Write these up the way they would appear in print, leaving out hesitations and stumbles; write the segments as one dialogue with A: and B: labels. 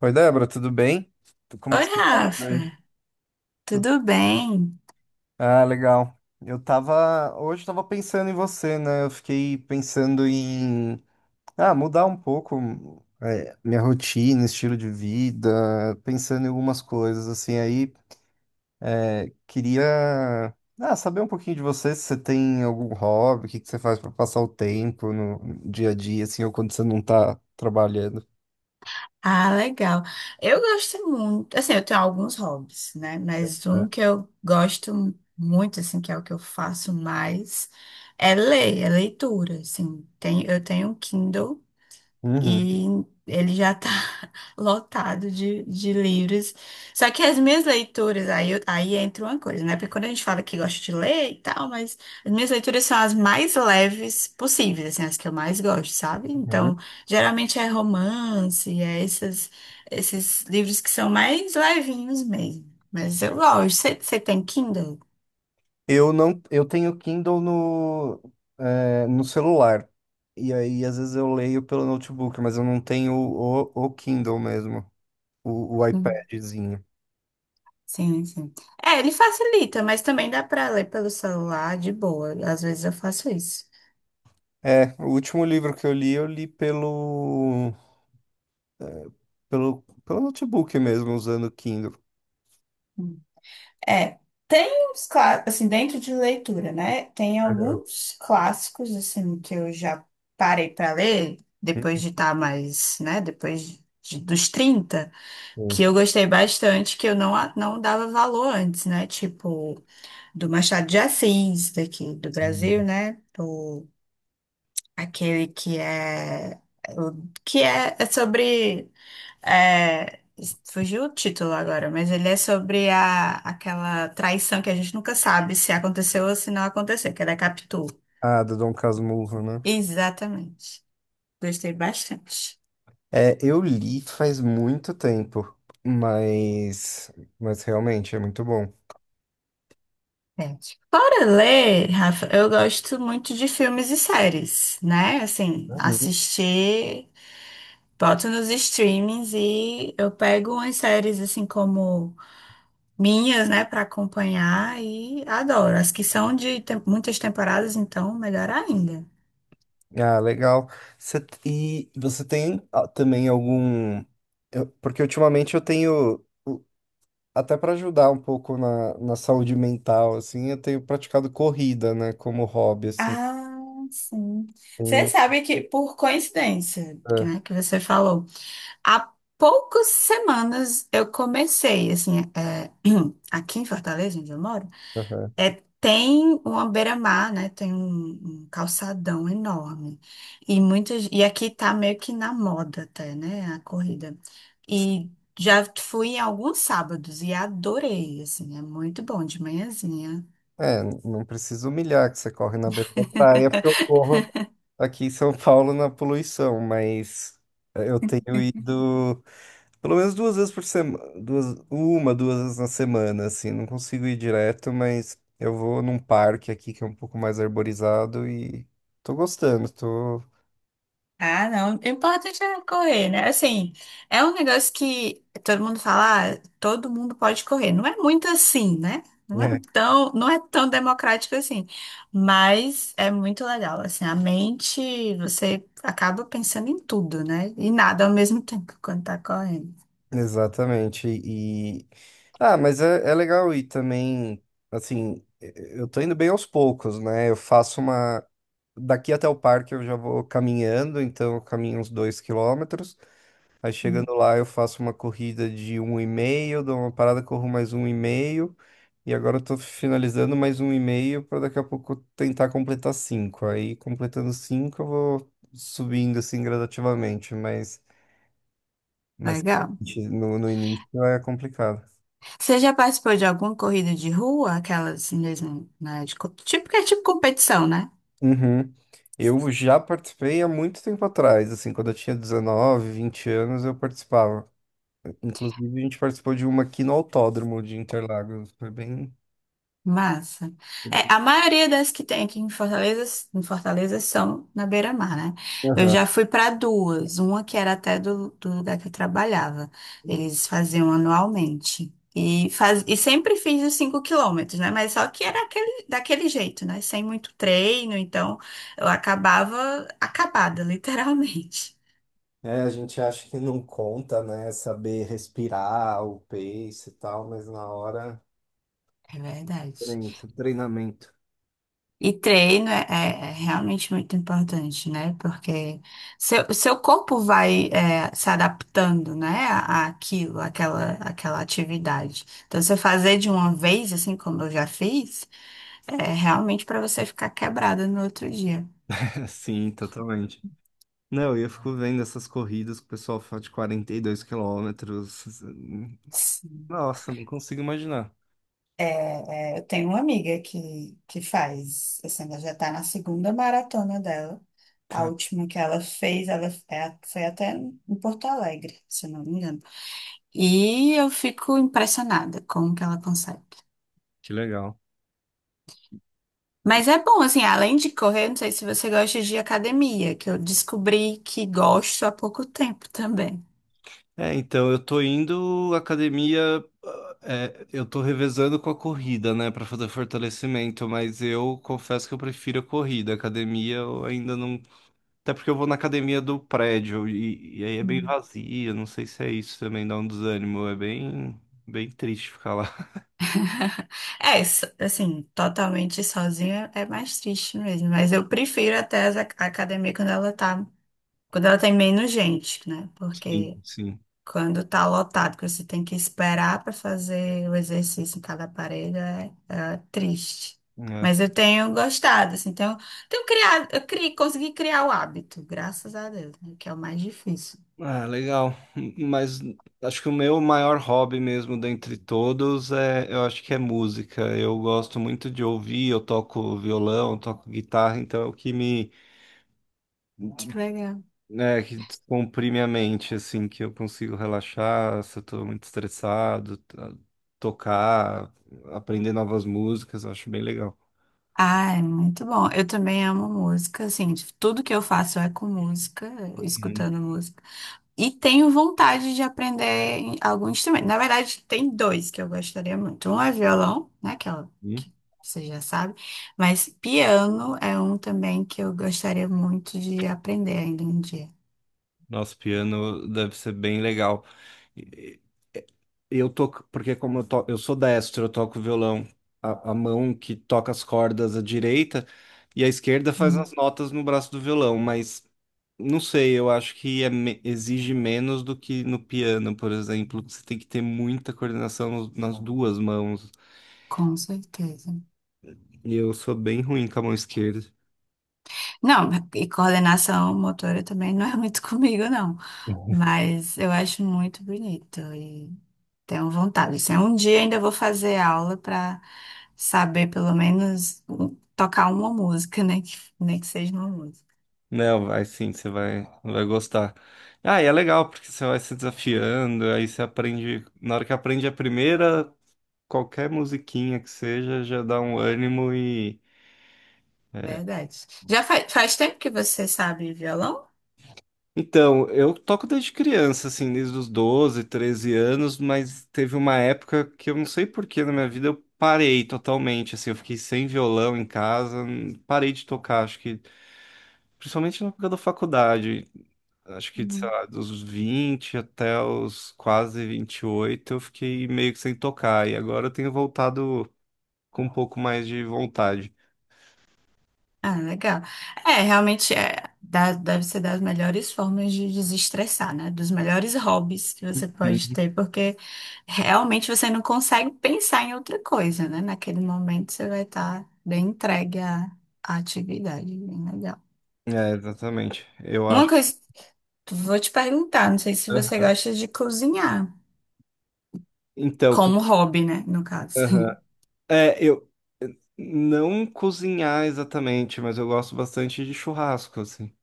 A: Oi, Débora, tudo bem? Como
B: Oi,
A: tu tá? Tudo
B: Rafa,
A: bem. Tu-
B: tudo bem?
A: Ah, legal. Eu tava, hoje eu tava pensando em você, né? Eu fiquei pensando em, mudar um pouco, minha rotina, estilo de vida, pensando em algumas coisas, assim, aí queria, saber um pouquinho de você, se você tem algum hobby, o que que você faz pra passar o tempo no dia a dia, assim, ou quando você não tá trabalhando.
B: Ah, legal. Eu gosto muito, assim, eu tenho alguns hobbies, né? Mas um que eu gosto muito, assim, que é o que eu faço mais, é leitura, assim. Eu tenho um Kindle.
A: Uhum.
B: E ele já tá lotado de livros. Só que as minhas leituras, aí, aí entra uma coisa, né? Porque quando a gente fala que gosta de ler e tal, mas as minhas leituras são as mais leves possíveis, assim, as que eu mais gosto, sabe? Então, geralmente é romance, esses livros que são mais levinhos mesmo. Mas eu gosto. Você tem Kindle?
A: Eu não, eu tenho Kindle no, no celular. E aí, às vezes, eu leio pelo notebook, mas eu não tenho o Kindle mesmo, o
B: Hum,
A: iPadzinho.
B: Sim, sim. É, ele facilita, mas também dá pra ler pelo celular de boa. Às vezes eu faço isso.
A: É, o último livro que eu li pelo notebook mesmo, usando o Kindle.
B: É, tem uns clássicos, assim, dentro de leitura, né? Tem
A: Aham.
B: alguns clássicos, assim, que eu já parei para ler, depois de estar mais, né, depois dos 30, que
A: Hum.
B: eu gostei bastante, que eu não dava valor antes, né? Tipo, do Machado de Assis, daqui do Brasil,
A: Sim.
B: né? Aquele que é, o- que é, é sobre é, fugiu o título agora, mas ele é sobre aquela traição que a gente nunca sabe se aconteceu ou se não aconteceu, que é da Capitu.
A: Ah, do Dom Casmurro, né?
B: Exatamente. Gostei bastante.
A: É, eu li faz muito tempo, mas, mas realmente é muito bom.
B: É. Fora ler, Rafa, eu gosto muito de filmes e séries, né? Assim, assistir, boto nos streamings e eu pego umas séries assim como minhas, né, para acompanhar, e adoro. As que são muitas temporadas, então, melhor ainda.
A: Ah, legal. Você e você tem, também, algum. Porque ultimamente eu tenho, até para ajudar um pouco na saúde mental, assim, eu tenho praticado corrida, né, como hobby, assim.
B: Ah, sim. Você
A: Tenho-
B: sabe que, por coincidência, que,
A: É,
B: né, que você falou, há poucas semanas eu comecei, assim, aqui em Fortaleza, onde eu moro,
A: aham.
B: tem uma beira-mar, né? Tem um calçadão enorme. E aqui tá meio que na moda até, né? A corrida. E já fui em alguns sábados e adorei, assim, é muito bom de manhãzinha.
A: É, não preciso humilhar que você corre na beira da praia, porque eu corro aqui em São Paulo na poluição, mas eu tenho ido. Pelo menos duas vezes por semana, duas, uma, duas vezes na semana, assim. Não consigo ir direto, mas eu vou num parque aqui que é um pouco mais arborizado e tô gostando, tô.
B: Ah, não. O importante é correr, né? Assim, é um negócio que todo mundo fala, ah, todo mundo pode correr. Não é muito assim, né? Não é
A: É,
B: tão, não é tão democrático assim. Mas é muito legal. Assim, a mente, você acaba pensando em tudo, né? E nada ao mesmo tempo quando tá correndo.
A: exatamente. E. Ah, mas é legal e também, assim, eu tô indo bem aos poucos, né? Eu faço uma. Daqui até o parque eu já vou caminhando, então eu caminho uns 2 km. Aí
B: Hum.
A: chegando lá eu faço uma corrida de um e meio, dou uma parada, corro mais um e meio. E agora eu tô finalizando mais um e-mail para daqui a pouco tentar completar cinco. Aí, completando cinco, eu vou subindo assim gradativamente, mas,
B: Legal.
A: realmente, no início é complicado.
B: Você já participou de alguma corrida de rua? Aquelas mesmo, né? Tipo, que é tipo competição, né?
A: Uhum. Eu já participei há muito tempo atrás, assim, quando eu tinha 19, 20 anos, eu participava. Inclusive, a gente participou de uma aqui no Autódromo de Interlagos. Foi bem.
B: Massa. É, a maioria das que tem aqui em Fortaleza, são na beira-mar, né? Eu
A: Aham.
B: já fui para duas, uma que era até do lugar que eu trabalhava. Eles faziam anualmente. E sempre fiz os 5 quilômetros, né? Mas só que era aquele, daquele jeito, né? Sem muito treino, então eu acabava acabada, literalmente.
A: É, a gente acha que não conta, né? Saber respirar, o pace e tal, mas na hora.
B: É verdade.
A: Treinamento. Treinamento.
B: E treino é realmente muito importante, né? Porque seu corpo vai se adaptando, né? Àquela atividade. Então, você fazer de uma vez, assim como eu já fiz, é realmente para você ficar quebrada no outro dia.
A: Sim, totalmente. Não, e eu fico vendo essas corridas que o pessoal faz de 42 km.
B: Sim.
A: Nossa, não consigo imaginar.
B: Eu tenho uma amiga que faz, assim, ela já está na segunda maratona dela. A
A: Cara,
B: última que ela fez, ela foi até em Porto Alegre, se eu não me engano. E eu fico impressionada com o que ela consegue.
A: que legal.
B: Mas é bom, assim, além de correr, não sei se você gosta de academia, que eu descobri que gosto há pouco tempo também.
A: É, então eu tô indo à academia, eu tô revezando com a corrida, né, pra fazer fortalecimento, mas eu confesso que eu prefiro a corrida. A academia eu ainda não. Até porque eu vou na academia do prédio e aí é bem
B: Hum.
A: vazia, não sei se é isso também, dá um desânimo, é bem, bem triste ficar lá.
B: É, assim, totalmente sozinha é mais triste mesmo, mas eu prefiro até a academia quando ela tem menos gente, né?
A: Sim,
B: Porque
A: sim.
B: quando tá lotado, que você tem que esperar para fazer o exercício em cada aparelho, é triste.
A: É.
B: Mas eu tenho gostado, assim, tenho criado, eu criei, consegui criar o hábito, graças a Deus, né, que é o mais difícil.
A: Ah, legal. Mas acho que o meu maior hobby mesmo dentre todos é, eu acho que é música. Eu gosto muito de ouvir, eu toco violão, eu toco guitarra, então é o que me,
B: Que legal.
A: né, que descomprime a mente, assim, que eu consigo relaxar, se eu tô muito estressado, tocar, aprender novas músicas, eu acho bem legal.
B: Ah, é muito bom. Eu também amo música, assim, tudo que eu faço é com música, eu
A: Uhum.
B: escutando música. E tenho vontade de aprender algum instrumento. Na verdade, tem dois que eu gostaria muito. Um é violão, né? Que você já sabe. Mas piano é um também que eu gostaria muito de aprender ainda um dia.
A: Nosso piano deve ser bem legal. E- e- Eu toco, porque como eu sou destro, eu toco violão, a mão que toca as cordas, a direita, e a esquerda faz as
B: Hum,
A: notas no braço do violão, mas não sei, eu acho que exige menos do que no piano, por exemplo. Você tem que ter muita coordenação nas duas mãos.
B: com certeza.
A: E eu sou bem ruim com a mão esquerda.
B: Não, e coordenação motora também não é muito comigo, não. Mas eu acho muito bonito. Tenho vontade. Assim, um dia ainda vou fazer aula para saber pelo menos tocar uma música, né? Que, nem que seja uma música.
A: Não, vai sim, você vai, vai gostar. Ah, e é legal, porque você vai se desafiando, aí você aprende. Na hora que aprende a primeira, qualquer musiquinha que seja, já dá um ânimo e.
B: Verdade. Já faz tempo que você sabe violão?
A: Então, eu toco desde criança, assim, desde os 12, 13 anos, mas teve uma época que eu não sei por que na minha vida eu parei totalmente, assim, eu fiquei sem violão em casa, parei de tocar, acho que principalmente na época da faculdade. Acho que, sei
B: Hum.
A: lá, dos 20 até os quase 28 eu fiquei meio que sem tocar. E agora eu tenho voltado com um pouco mais de vontade.
B: Ah, legal. É, realmente deve ser das melhores formas de desestressar, né? Dos melhores hobbies que você pode
A: Uhum.
B: ter, porque realmente você não consegue pensar em outra coisa, né? Naquele momento você vai estar bem entregue à atividade, bem legal.
A: É, exatamente. Eu
B: Uma
A: acho.
B: coisa, vou te perguntar, não sei se você
A: Aham.
B: gosta de cozinhar,
A: Então, co-
B: como hobby, né? No caso.
A: aham. É, eu não cozinhar exatamente, mas eu gosto bastante de churrasco, assim.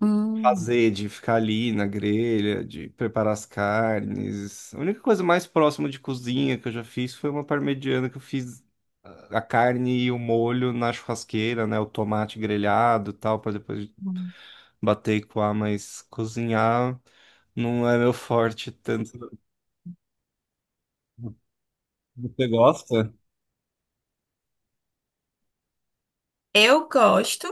A: Fazer, de ficar ali na grelha, de preparar as carnes. A única coisa mais próxima de cozinha que eu já fiz foi uma parmegiana que eu fiz a carne e o molho na churrasqueira, né? O tomate grelhado e tal, para depois
B: Hum.
A: bater e coar, mas cozinhar não é meu forte tanto. Você gosta?
B: Eu gosto,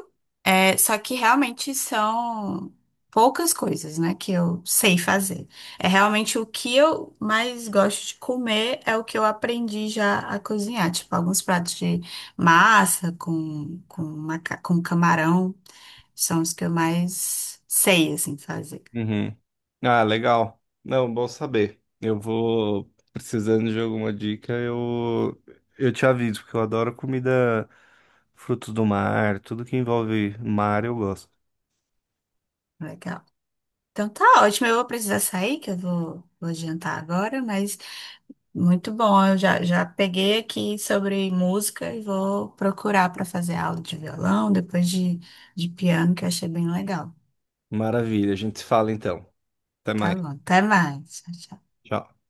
B: só que realmente são poucas coisas, né, que eu sei fazer. É realmente o que eu mais gosto de comer é o que eu aprendi já a cozinhar, tipo alguns pratos de massa com camarão, são os que eu mais sei, assim, fazer.
A: Uhum. Ah, legal. Não, bom saber. Eu vou precisando de alguma dica, eu te aviso, porque eu adoro comida, frutos do mar, tudo que envolve mar eu gosto.
B: Legal. Então tá ótimo, eu vou precisar sair, que eu vou jantar agora, mas muito bom, eu já peguei aqui sobre música e vou procurar para fazer aula de violão, depois de piano, que eu achei bem legal.
A: Maravilha, a gente se fala então. Até
B: Tá
A: mais.
B: bom, até mais. Tchau, tchau.
A: Tchau.